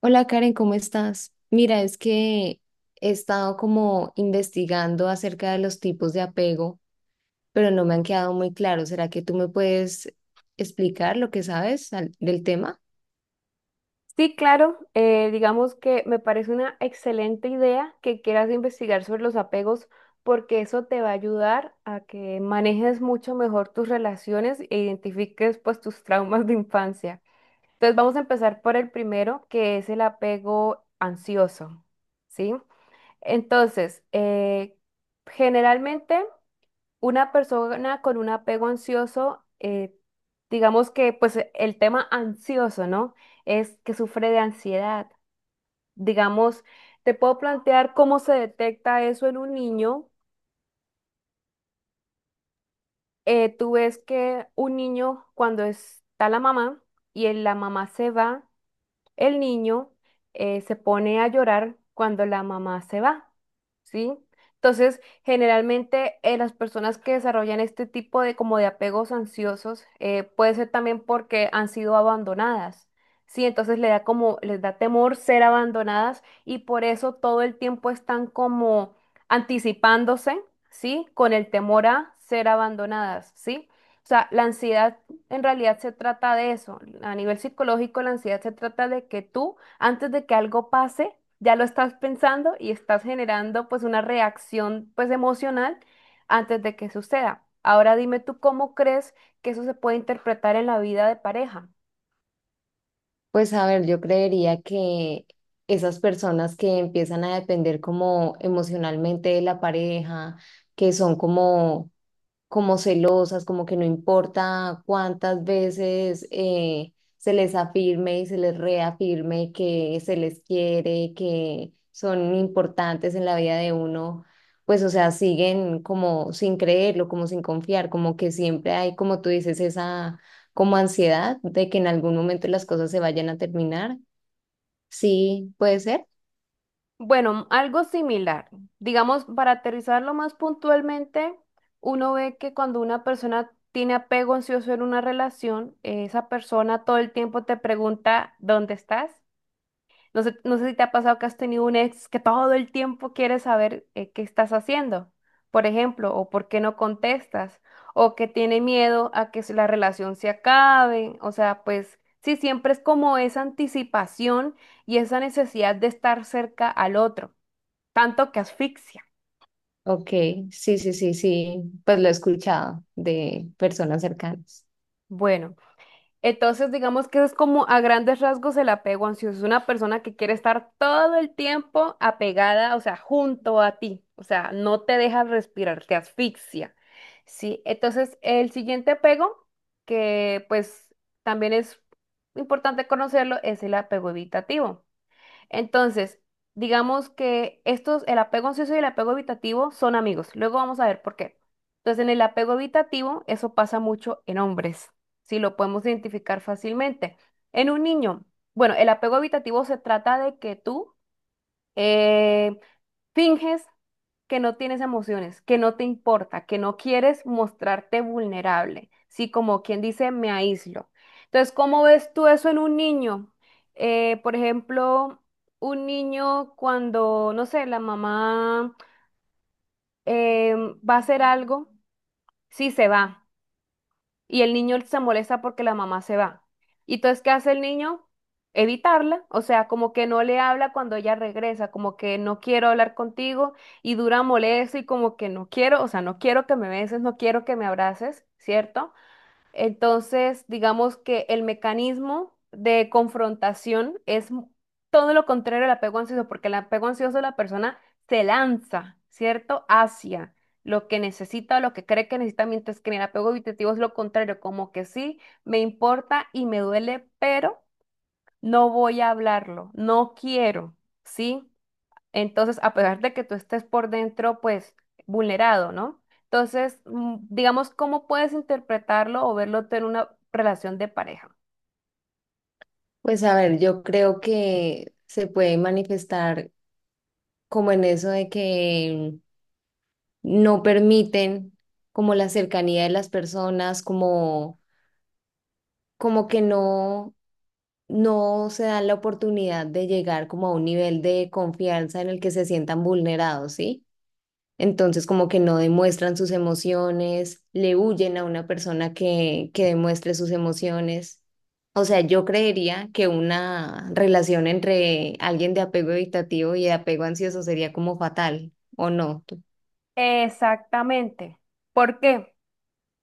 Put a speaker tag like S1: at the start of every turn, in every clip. S1: Hola Karen, ¿cómo estás? Mira, es que he estado como investigando acerca de los tipos de apego, pero no me han quedado muy claros. ¿Será que tú me puedes explicar lo que sabes del tema?
S2: Sí, claro, digamos que me parece una excelente idea que quieras investigar sobre los apegos porque eso te va a ayudar a que manejes mucho mejor tus relaciones e identifiques pues tus traumas de infancia. Entonces vamos a empezar por el primero, que es el apego ansioso, ¿sí? Entonces, generalmente una persona con un apego ansioso, digamos que pues el tema ansioso, ¿no? Es que sufre de ansiedad. Digamos, te puedo plantear cómo se detecta eso en un niño. Tú ves que un niño cuando está la mamá y la mamá se va. El niño se pone a llorar cuando la mamá se va, ¿sí? Entonces, generalmente las personas que desarrollan este tipo de como de apegos ansiosos puede ser también porque han sido abandonadas, ¿sí? Entonces le da como, les da temor ser abandonadas y por eso todo el tiempo están como anticipándose, ¿sí? Con el temor a ser abandonadas, ¿sí? O sea, la ansiedad en realidad se trata de eso. A nivel psicológico, la ansiedad se trata de que tú, antes de que algo pase, ya lo estás pensando y estás generando pues una reacción pues emocional antes de que suceda. Ahora dime tú cómo crees que eso se puede interpretar en la vida de pareja.
S1: Pues a ver, yo creería que esas personas que empiezan a depender como emocionalmente de la pareja, que son como celosas, como que no importa cuántas veces se les afirme y se les reafirme que se les quiere, que son importantes en la vida de uno, pues o sea, siguen como sin creerlo, como sin confiar, como que siempre hay, como tú dices, esa como ansiedad de que en algún momento las cosas se vayan a terminar. Sí, puede ser.
S2: Bueno, algo similar. Digamos, para aterrizarlo más puntualmente, uno ve que cuando una persona tiene apego ansioso en una relación, esa persona todo el tiempo te pregunta, ¿dónde estás? No sé, no sé si te ha pasado que has tenido un ex que todo el tiempo quiere saber qué estás haciendo, por ejemplo, o por qué no contestas, o que tiene miedo a que la relación se acabe. O sea, pues sí, siempre es como esa anticipación y esa necesidad de estar cerca al otro, tanto que asfixia.
S1: Ok, sí, sí, sí, sí, pues lo he escuchado de personas cercanas.
S2: Bueno. Entonces, digamos que es como a grandes rasgos el apego ansioso. Es una persona que quiere estar todo el tiempo apegada, o sea, junto a ti. O sea, no te deja respirar, te asfixia. Sí, entonces el siguiente apego, que pues también es importante conocerlo, es el apego evitativo. Entonces, digamos que estos, el apego ansioso y el apego evitativo son amigos. Luego vamos a ver por qué. Entonces, en el apego evitativo, eso pasa mucho en hombres, si lo podemos identificar fácilmente. En un niño, bueno, el apego evitativo se trata de que tú eh, finges que no tienes emociones, que no te importa, que no quieres mostrarte vulnerable, ¿sí? Como quien dice, me aíslo. Entonces, ¿cómo ves tú eso en un niño? Por ejemplo, un niño cuando, no sé, la mamá va a hacer algo, sí se va y el niño se molesta porque la mamá se va. Y entonces, ¿qué hace el niño? Evitarla, o sea, como que no le habla cuando ella regresa, como que no quiero hablar contigo y dura molesto y como que no quiero, o sea, no quiero que me beses, no quiero que me abraces, ¿cierto? Entonces, digamos que el mecanismo de confrontación es todo lo contrario al apego ansioso, porque el apego ansioso la persona se lanza, ¿cierto? Hacia lo que necesita o lo que cree que necesita, mientras que en el apego evitativo es lo contrario, como que sí, me importa y me duele, pero no voy a hablarlo, no quiero, ¿sí? Entonces, a pesar de que tú estés por dentro, pues, vulnerado, ¿no? Entonces, digamos, ¿cómo puedes interpretarlo o verlo tú en una relación de pareja?
S1: Pues a ver, yo creo que se puede manifestar como en eso de que no permiten como la cercanía de las personas, como, como que no, no se dan la oportunidad de llegar como a un nivel de confianza en el que se sientan vulnerados, ¿sí? Entonces, como que no demuestran sus emociones, le huyen a una persona que demuestre sus emociones. O sea, yo creería que una relación entre alguien de apego evitativo y de apego ansioso sería como fatal, ¿o no?
S2: Exactamente. ¿Por qué?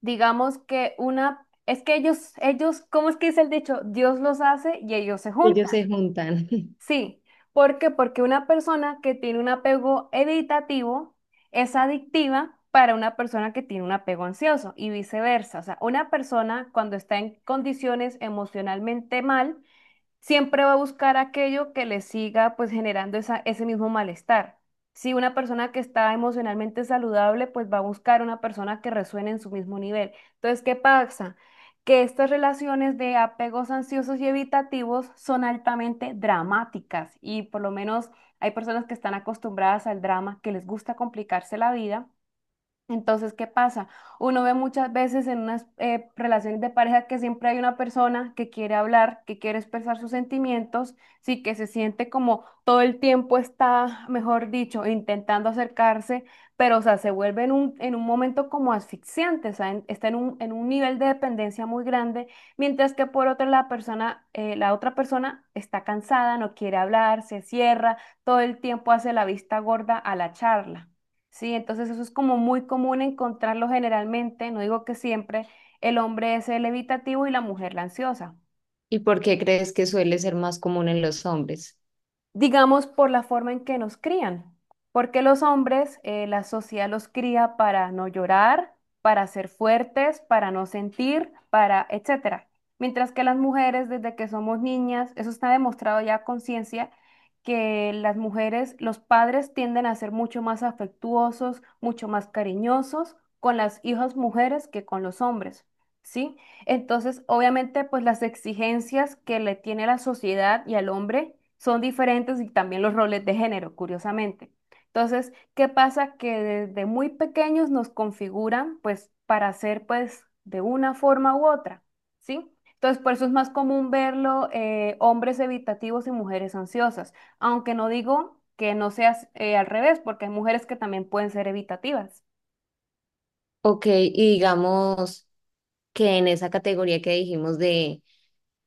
S2: Digamos que una, es que ellos, ¿cómo es que dice el dicho? Dios los hace y ellos se
S1: Ellos se
S2: juntan.
S1: juntan.
S2: Sí, ¿por qué? Porque una persona que tiene un apego evitativo es adictiva para una persona que tiene un apego ansioso y viceversa. O sea, una persona cuando está en condiciones emocionalmente mal, siempre va a buscar aquello que le siga pues generando esa, ese mismo malestar. Si una persona que está emocionalmente saludable, pues va a buscar una persona que resuene en su mismo nivel. Entonces, ¿qué pasa? Que estas relaciones de apegos ansiosos y evitativos son altamente dramáticas y por lo menos hay personas que están acostumbradas al drama, que les gusta complicarse la vida, entonces, ¿qué pasa? Uno ve muchas veces en unas relaciones de pareja que siempre hay una persona que quiere hablar, que quiere expresar sus sentimientos, sí, que se siente como todo el tiempo está, mejor dicho, intentando acercarse, pero o sea, se vuelve en un momento como asfixiante, o sea, está en un nivel de dependencia muy grande, mientras que por otra la persona, la otra persona está cansada, no quiere hablar, se cierra, todo el tiempo hace la vista gorda a la charla. Sí, entonces eso es como muy común encontrarlo generalmente, no digo que siempre, el hombre es el evitativo y la mujer la ansiosa.
S1: ¿Y por qué crees que suele ser más común en los hombres?
S2: Digamos, por la forma en que nos crían. Porque los hombres, la sociedad los cría para no llorar, para ser fuertes, para no sentir, para etcétera. Mientras que las mujeres, desde que somos niñas, eso está demostrado ya a conciencia, que las mujeres, los padres tienden a ser mucho más afectuosos, mucho más cariñosos con las hijas mujeres que con los hombres, ¿sí? Entonces, obviamente, pues las exigencias que le tiene la sociedad y al hombre son diferentes y también los roles de género, curiosamente. Entonces, ¿qué pasa? Que desde muy pequeños nos configuran pues para ser pues de una forma u otra, ¿sí? Entonces, por eso es más común verlo hombres evitativos y mujeres ansiosas, aunque no digo que no sea al revés, porque hay mujeres que también pueden ser evitativas.
S1: Ok, y digamos que en esa categoría que dijimos de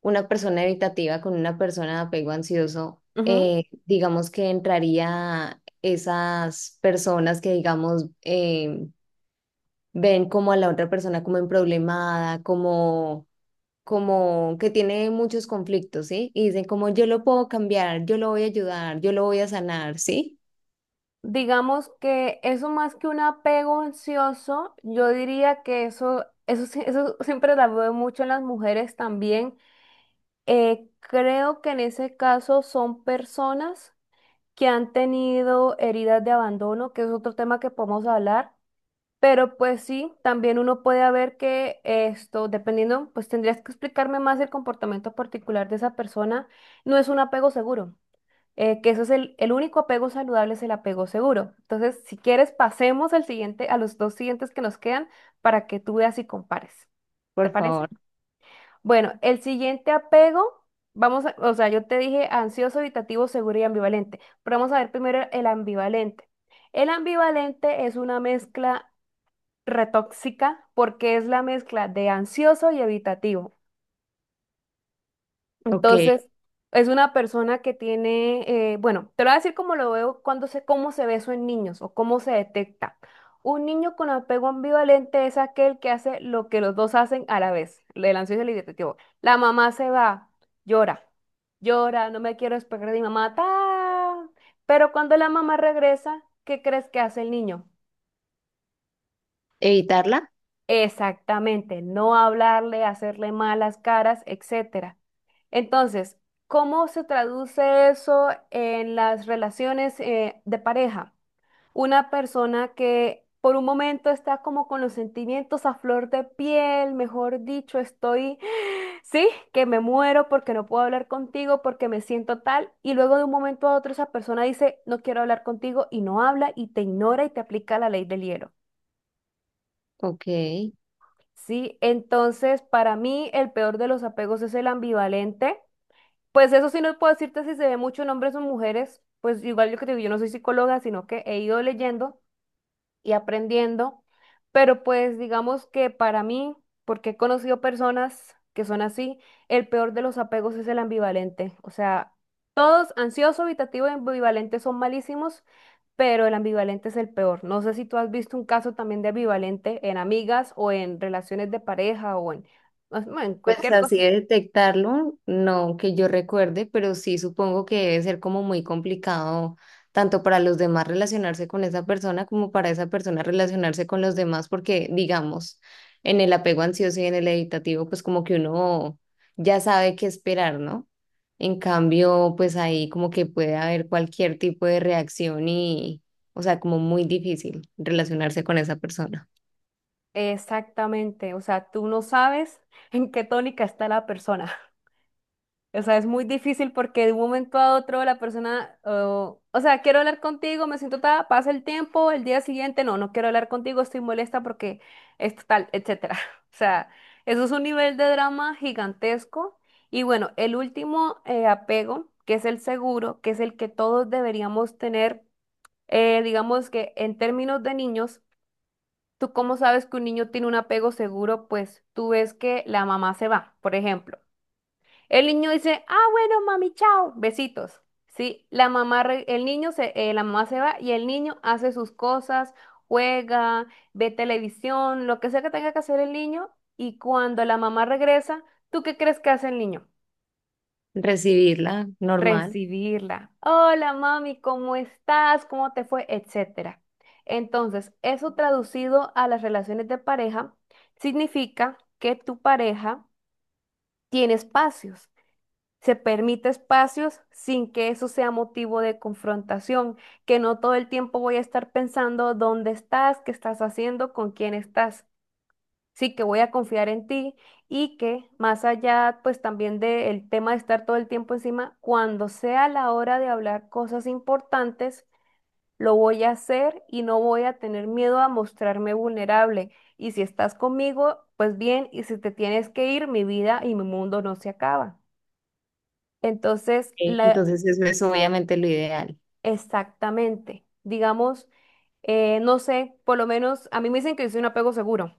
S1: una persona evitativa con una persona de apego ansioso, digamos que entraría esas personas que, digamos, ven como a la otra persona como emproblemada, como, como que tiene muchos conflictos, ¿sí? Y dicen como yo lo puedo cambiar, yo lo voy a ayudar, yo lo voy a sanar, ¿sí?
S2: Digamos que eso más que un apego ansioso, yo diría que eso siempre la veo mucho en las mujeres también. Creo que en ese caso son personas que han tenido heridas de abandono, que es otro tema que podemos hablar. Pero pues sí, también uno puede ver que esto, dependiendo, pues tendrías que explicarme más el comportamiento particular de esa persona, no es un apego seguro, que eso es el único apego saludable es el apego seguro. Entonces, si quieres, pasemos al siguiente, a los dos siguientes que nos quedan para que tú veas y compares. ¿Te
S1: Por
S2: parece?
S1: favor.
S2: Bueno, el siguiente apego, o sea, yo te dije ansioso, evitativo, seguro y ambivalente, pero vamos a ver primero el ambivalente. El ambivalente es una mezcla retóxica porque es la mezcla de ansioso y evitativo.
S1: Ok.
S2: Entonces, es una persona que tiene, bueno, te lo voy a decir cómo lo veo, cuando sé cómo se ve eso en niños o cómo se detecta. Un niño con apego ambivalente es aquel que hace lo que los dos hacen a la vez, el ansioso y el hiperactivo. La mamá se va, llora, llora, no me quiero despegar de mi mamá, ta. Pero cuando la mamá regresa, ¿qué crees que hace el niño?
S1: ¿Evitarla?
S2: Exactamente, no hablarle, hacerle malas caras, etcétera. Entonces, ¿cómo se traduce eso en las relaciones de pareja? Una persona que por un momento está como con los sentimientos a flor de piel, mejor dicho, estoy, sí, que me muero porque no puedo hablar contigo, porque me siento tal, y luego de un momento a otro esa persona dice, no quiero hablar contigo y no habla y te ignora y te aplica la ley del hielo.
S1: Ok.
S2: Sí, entonces para mí el peor de los apegos es el ambivalente. Pues eso sí no puedo decirte si se ve mucho en hombres o mujeres, pues igual yo que te digo, yo no soy psicóloga, sino que he ido leyendo y aprendiendo, pero pues digamos que para mí, porque he conocido personas que son así, el peor de los apegos es el ambivalente. O sea, todos ansioso, evitativo y ambivalente son malísimos, pero el ambivalente es el peor. No sé si tú has visto un caso también de ambivalente en amigas o en relaciones de pareja o en, bueno, en
S1: Pues
S2: cualquier
S1: así
S2: cosa.
S1: de detectarlo, no que yo recuerde, pero sí supongo que debe ser como muy complicado tanto para los demás relacionarse con esa persona como para esa persona relacionarse con los demás, porque digamos, en el apego ansioso y en el evitativo, pues como que uno ya sabe qué esperar, ¿no? En cambio, pues ahí como que puede haber cualquier tipo de reacción y, o sea, como muy difícil relacionarse con esa persona.
S2: Exactamente, o sea, tú no sabes en qué tónica está la persona. O sea, es muy difícil porque de un momento a otro la persona, oh, o sea, quiero hablar contigo, me siento tal, pasa el tiempo, el día siguiente, no, no quiero hablar contigo, estoy molesta porque es tal, etcétera. O sea, eso es un nivel de drama gigantesco. Y bueno, el último apego, que es el seguro, que es el que todos deberíamos tener, digamos que en términos de niños, tú cómo sabes que un niño tiene un apego seguro, pues tú ves que la mamá se va, por ejemplo. El niño dice, ah, bueno, mami, chao, besitos. Sí, el niño se, la mamá se va y el niño hace sus cosas, juega, ve televisión, lo que sea que tenga que hacer el niño. Y cuando la mamá regresa, ¿tú qué crees que hace el niño?
S1: Recibirla normal.
S2: Recibirla. Hola, mami, ¿cómo estás? ¿Cómo te fue? Etcétera. Entonces, eso traducido a las relaciones de pareja significa que tu pareja tiene espacios. Se permite espacios sin que eso sea motivo de confrontación, que no todo el tiempo voy a estar pensando dónde estás, qué estás haciendo, con quién estás. Sí que voy a confiar en ti y que más allá pues también del tema de estar todo el tiempo encima, cuando sea la hora de hablar cosas importantes, lo voy a hacer y no voy a tener miedo a mostrarme vulnerable. Y si estás conmigo, pues bien, y si te tienes que ir, mi vida y mi mundo no se acaba. Entonces,
S1: Ok,
S2: la
S1: entonces eso es obviamente lo ideal.
S2: Exactamente. Digamos, no sé, por lo menos a mí me dicen que yo soy un apego seguro,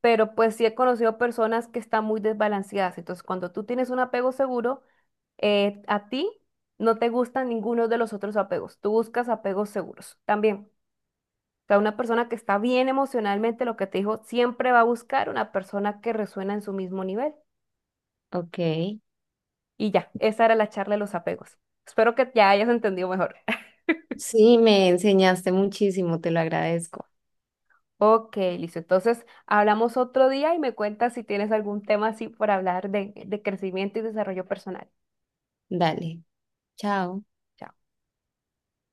S2: pero pues sí he conocido personas que están muy desbalanceadas. Entonces, cuando tú tienes un apego seguro, a ti no te gustan ninguno de los otros apegos. Tú buscas apegos seguros también. O sea, una persona que está bien emocionalmente, lo que te dijo, siempre va a buscar una persona que resuena en su mismo nivel.
S1: Ok.
S2: Y ya, esa era la charla de los apegos. Espero que ya hayas entendido mejor.
S1: Sí, me enseñaste muchísimo, te lo agradezco.
S2: Ok, listo. Entonces, hablamos otro día y me cuentas si tienes algún tema así por hablar de crecimiento y desarrollo personal.
S1: Dale, chao.
S2: Chao.